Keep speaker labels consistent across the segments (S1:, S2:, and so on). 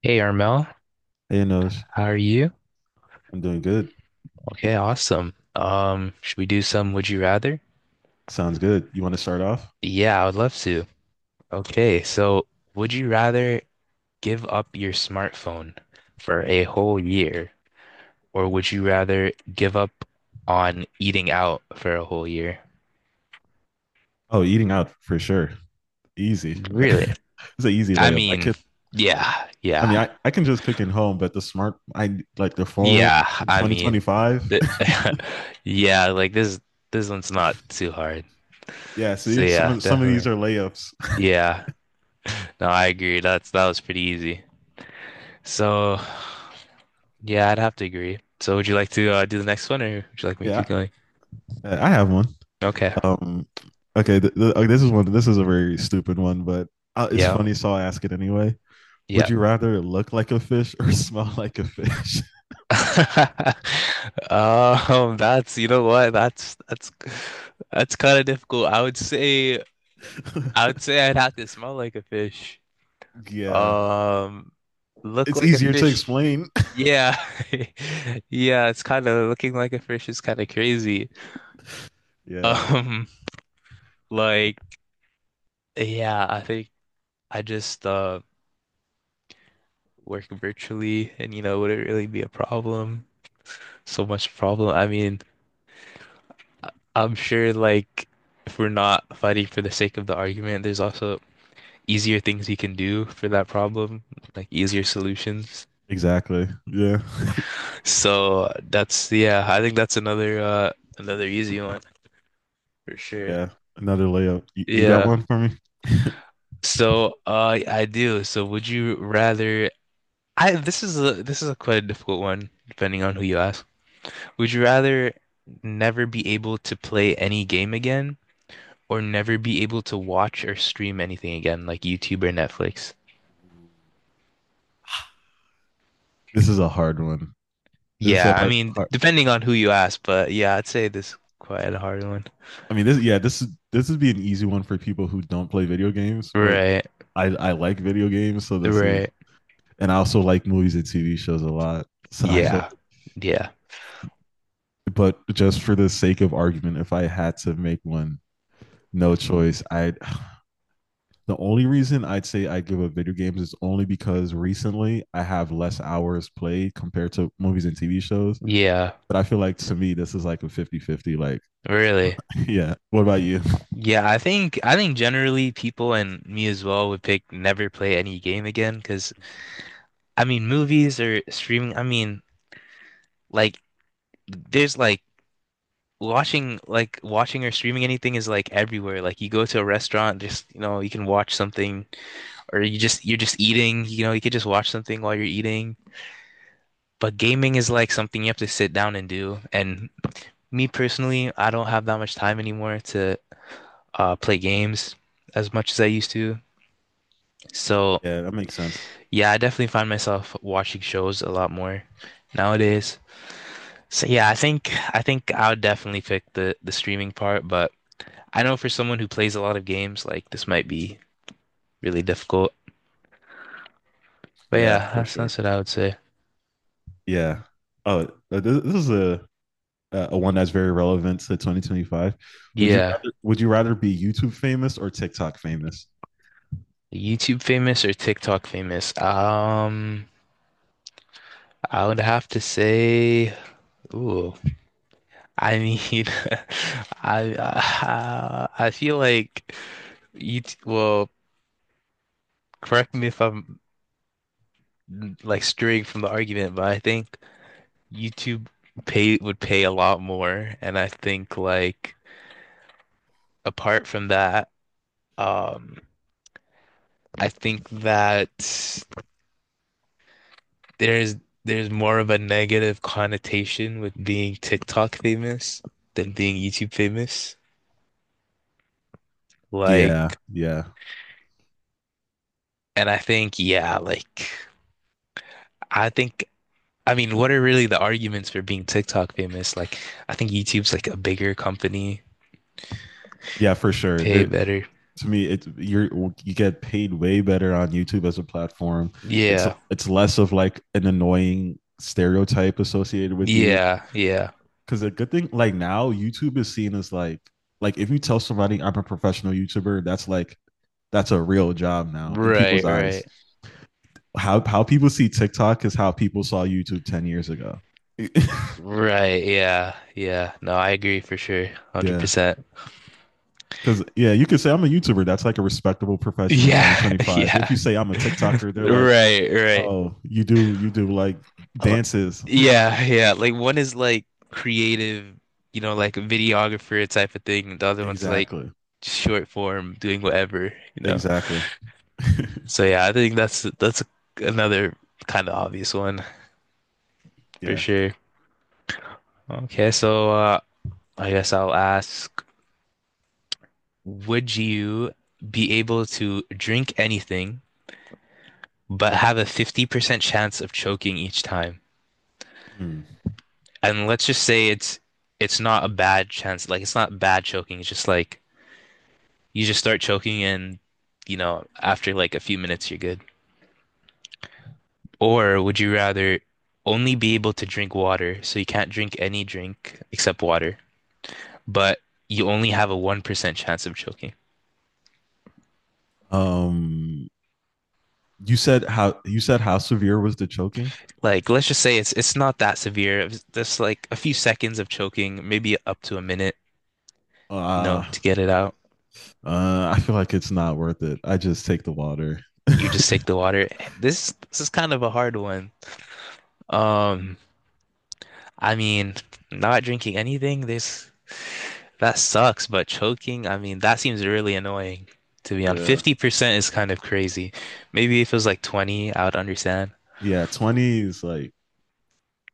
S1: Hey Armel,
S2: Hey, Noj.
S1: how are you?
S2: I'm doing good.
S1: Okay, awesome. Should we do some would you rather?
S2: Sounds good. You want to start off?
S1: Yeah, I would love to. Okay, so would you rather give up your smartphone for a whole year, or would you rather give up on eating out for a whole year?
S2: Oh, eating out for sure. Easy.
S1: Really?
S2: It's an easy
S1: I
S2: layup. I
S1: mean,
S2: can.
S1: yeah,
S2: I mean,
S1: yeah,
S2: I can just cook in home, but the smart, I like the phone
S1: yeah.
S2: in
S1: I mean,
S2: 2025.
S1: th yeah, like this one's not too hard.
S2: Yeah,
S1: So
S2: see, some
S1: yeah,
S2: of some of these
S1: definitely.
S2: are layups.
S1: Yeah. No, I agree. That was pretty easy. So, yeah, I'd have to agree. So, would you like to do the next one, or would you like me to keep
S2: Yeah,
S1: going?
S2: I have one.
S1: Okay.
S2: Um, okay, th th okay, this is one. This is a very stupid one, but it's
S1: Yeah.
S2: funny, so I'll ask it anyway. Would
S1: Yeah.
S2: you rather look like a fish or smell like a fish?
S1: That's you know what? That's kind of difficult. I would say I'd have to smell like a fish.
S2: Yeah,
S1: Um, look
S2: it's
S1: like a
S2: easier to
S1: fish.
S2: explain.
S1: Yeah. Yeah, it's kind of looking like a fish is kind of crazy.
S2: Yeah.
S1: Um, like yeah, I think I just work virtually and you know, would it really be a problem? So much problem. I mean, I'm sure like if we're not fighting for the sake of the argument, there's also easier things you can do for that problem, like easier solutions.
S2: Exactly. Yeah.
S1: So that's yeah, I think that's another another easy one for sure.
S2: Yeah. Another layup. You got
S1: Yeah.
S2: one for me?
S1: So I do. So would you rather I this is a quite a difficult one depending on who you ask. Would you rather never be able to play any game again or never be able to watch or stream anything again, like YouTube or Netflix?
S2: This is a hard one. This is a
S1: Yeah, I
S2: hard,
S1: mean,
S2: hard.
S1: depending on who you ask, but yeah, I'd say this is quite a hard one.
S2: I mean, this yeah, this would be an easy one for people who don't play video games, but
S1: Right,
S2: I like video games, so this is
S1: right.
S2: and I also like movies and TV shows a lot. So I feel
S1: Yeah, yeah,
S2: like, but just for the sake of argument, if I had to make one, no choice, I the only reason I'd say I give up video games is only because recently I have less hours played compared to movies and TV shows.
S1: yeah,
S2: But I feel like to me, this is like a 50-50. Like,
S1: really.
S2: yeah. What about you?
S1: Yeah, I think generally people and me as well would pick never play any game again because I mean movies or streaming, I mean like there's like watching or streaming anything is like everywhere. Like you go to a restaurant, just you know, you can watch something, or you're just eating, you know, you could just watch something while you're eating. But gaming is like something you have to sit down and do. And me personally, I don't have that much time anymore to play games as much as I used to. So
S2: Yeah, that makes sense.
S1: yeah, I definitely find myself watching shows a lot more nowadays. So yeah, I think I would definitely pick the streaming part, but I know for someone who plays a lot of games, like this might be really difficult. But
S2: Yeah,
S1: yeah,
S2: for sure.
S1: that's what I would say.
S2: Yeah. Oh, this is a one that's very relevant to 2025.
S1: Yeah,
S2: Would you rather be YouTube famous or TikTok famous?
S1: YouTube famous or TikTok famous? I would have to say, ooh, I mean, I feel like you. Well, correct me if I'm like straying from the argument, but I think YouTube pay would pay a lot more, and I think like apart from that, um, I think that there's there's more of a negative connotation with being TikTok famous than being YouTube famous.
S2: Yeah,
S1: Like,
S2: yeah.
S1: and I think, yeah, like I think I mean, what are really the arguments for being TikTok famous? Like, I think YouTube's like a bigger company,
S2: Yeah, for sure.
S1: pay
S2: There
S1: better.
S2: to me it you're you get paid way better on YouTube as a platform. it's
S1: Yeah.
S2: it's less of like an annoying stereotype associated with you,
S1: Yeah, yeah.
S2: because a good thing, like, now YouTube is seen as like if you tell somebody I'm a professional YouTuber, that's like that's a real job now in people's
S1: Right,
S2: eyes.
S1: right.
S2: How people see TikTok is how people saw YouTube 10 years ago.
S1: Right, yeah, yeah. No, I agree for sure.
S2: Yeah,
S1: 100%.
S2: because yeah, you could say I'm a YouTuber, that's like a respectable profession in
S1: Yeah,
S2: 2025. If
S1: yeah.
S2: you say I'm a TikToker, they're like,
S1: Right, right.
S2: oh, you do like
S1: Uh,
S2: dances.
S1: Yeah, yeah. Like one is like creative, you know, like a videographer type of thing, and the other one's like
S2: Exactly.
S1: short form doing whatever, you know.
S2: Exactly.
S1: So yeah, I think that's another kind of obvious one for
S2: Yeah.
S1: sure. Okay, so I guess I'll ask, would you be able to drink anything but have a 50% chance of choking each time?
S2: Mm.
S1: And let's just say it's not a bad chance. Like it's not bad choking. It's just like you just start choking and you know, after like a few minutes you're good. Or would you rather only be able to drink water, so you can't drink any drink except water, but you only have a 1% chance of choking?
S2: Um you said how severe was the choking?
S1: Like let's just say it's not that severe. It's just like a few seconds of choking, maybe up to a minute, you know,
S2: Uh
S1: to get it out.
S2: I feel like it's not worth it. I just take the water.
S1: You just take the water. This is kind of a hard one. Um I mean, not drinking anything, this that sucks, but choking, I mean, that seems really annoying to be on.
S2: Yeah.
S1: 50% is kind of crazy. Maybe if it was like 20, I would understand.
S2: Yeah, 20 is like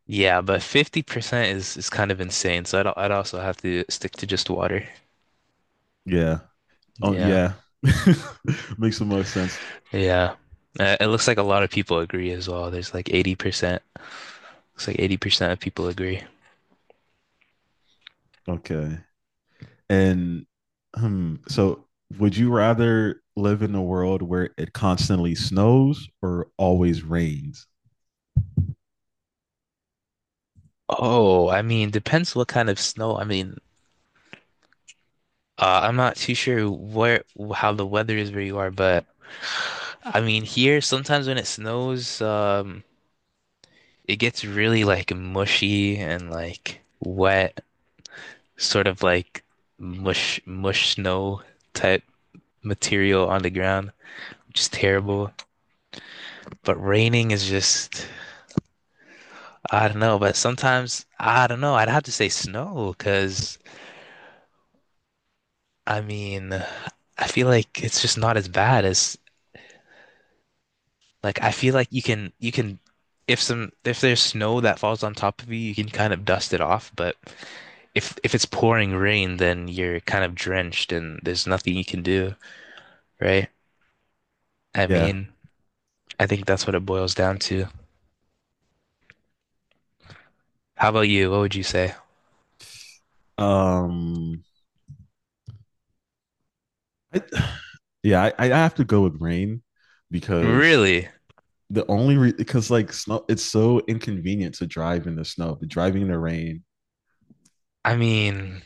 S1: Yeah, but 50% is kind of insane. So I'd also have to stick to just water.
S2: yeah. Oh
S1: Yeah.
S2: yeah. Makes the most sense.
S1: Yeah. It looks like a lot of people agree as well. There's like 80%. Looks like 80% of people agree.
S2: Okay. And hmm, so, would you rather live in a world where it constantly snows or always rains?
S1: Oh, I mean, depends what kind of snow. I mean, I'm not too sure where how the weather is where you are, but I mean here sometimes when it snows, it gets really like mushy and like wet, sort of like mush snow type material on the ground, which is terrible. But raining is just I don't know. But sometimes I don't know. I'd have to say snow because I mean I feel like it's just not as bad as like I feel like you can if some if there's snow that falls on top of you, you can kind of dust it off, but if it's pouring rain, then you're kind of drenched and there's nothing you can do, right? I
S2: Yeah.
S1: mean, I think that's what it boils down to. How about you? What would you say?
S2: Um. I, yeah, I have to go with rain because
S1: Really?
S2: because like snow, it's so inconvenient to drive in the snow, but driving in the rain.
S1: I mean,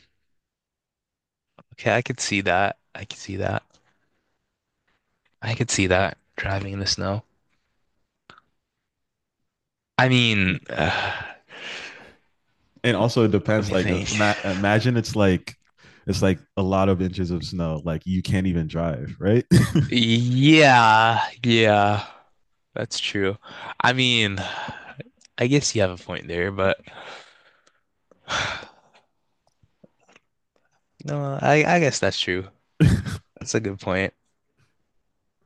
S1: okay, I could see that. I could see that driving in the snow. I
S2: Yeah.
S1: mean,
S2: And also it
S1: let
S2: depends.
S1: me
S2: Like
S1: think.
S2: imagine it's it's like a lot of inches of snow. Like you can't even drive, right?
S1: Yeah, yeah. That's true. I mean, I guess you have a point there, but no, I guess that's true. That's a good point.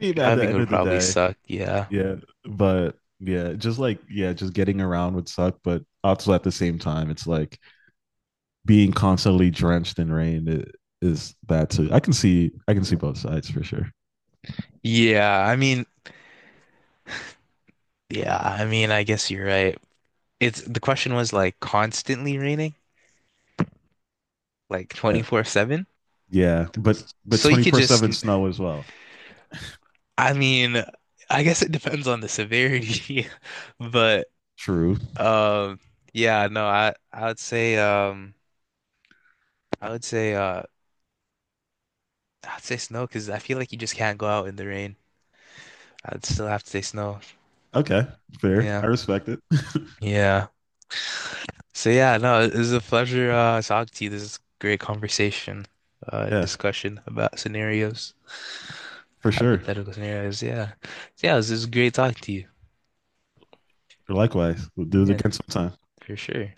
S2: Maybe at the
S1: Driving
S2: end
S1: would
S2: of the
S1: probably
S2: day,
S1: suck. Yeah.
S2: yeah. But yeah, just yeah, just getting around would suck. But also at the same time, it's like being constantly drenched in rain is that too. I can see both sides for sure.
S1: Yeah, I mean, yeah, I mean, I guess you're right. It's the question was like constantly raining, like
S2: Yeah.
S1: 24/7.
S2: Yeah, but
S1: So you could just
S2: 24/7 snow as well.
S1: I mean, I guess it depends on the severity, but
S2: True.
S1: um yeah, no, I would say I would say uh I'd say snow because I feel like you just can't go out in the rain. I'd still have to say snow.
S2: Okay, fair.
S1: Yeah.
S2: I respect it.
S1: Yeah. So yeah, no, it was a pleasure talking to you. This is great conversation,
S2: Yeah,
S1: discussion about scenarios,
S2: for sure.
S1: hypothetical scenarios. Yeah. So, yeah, this is great talking to you.
S2: Likewise. We'll do it
S1: Yeah,
S2: again sometime.
S1: for sure.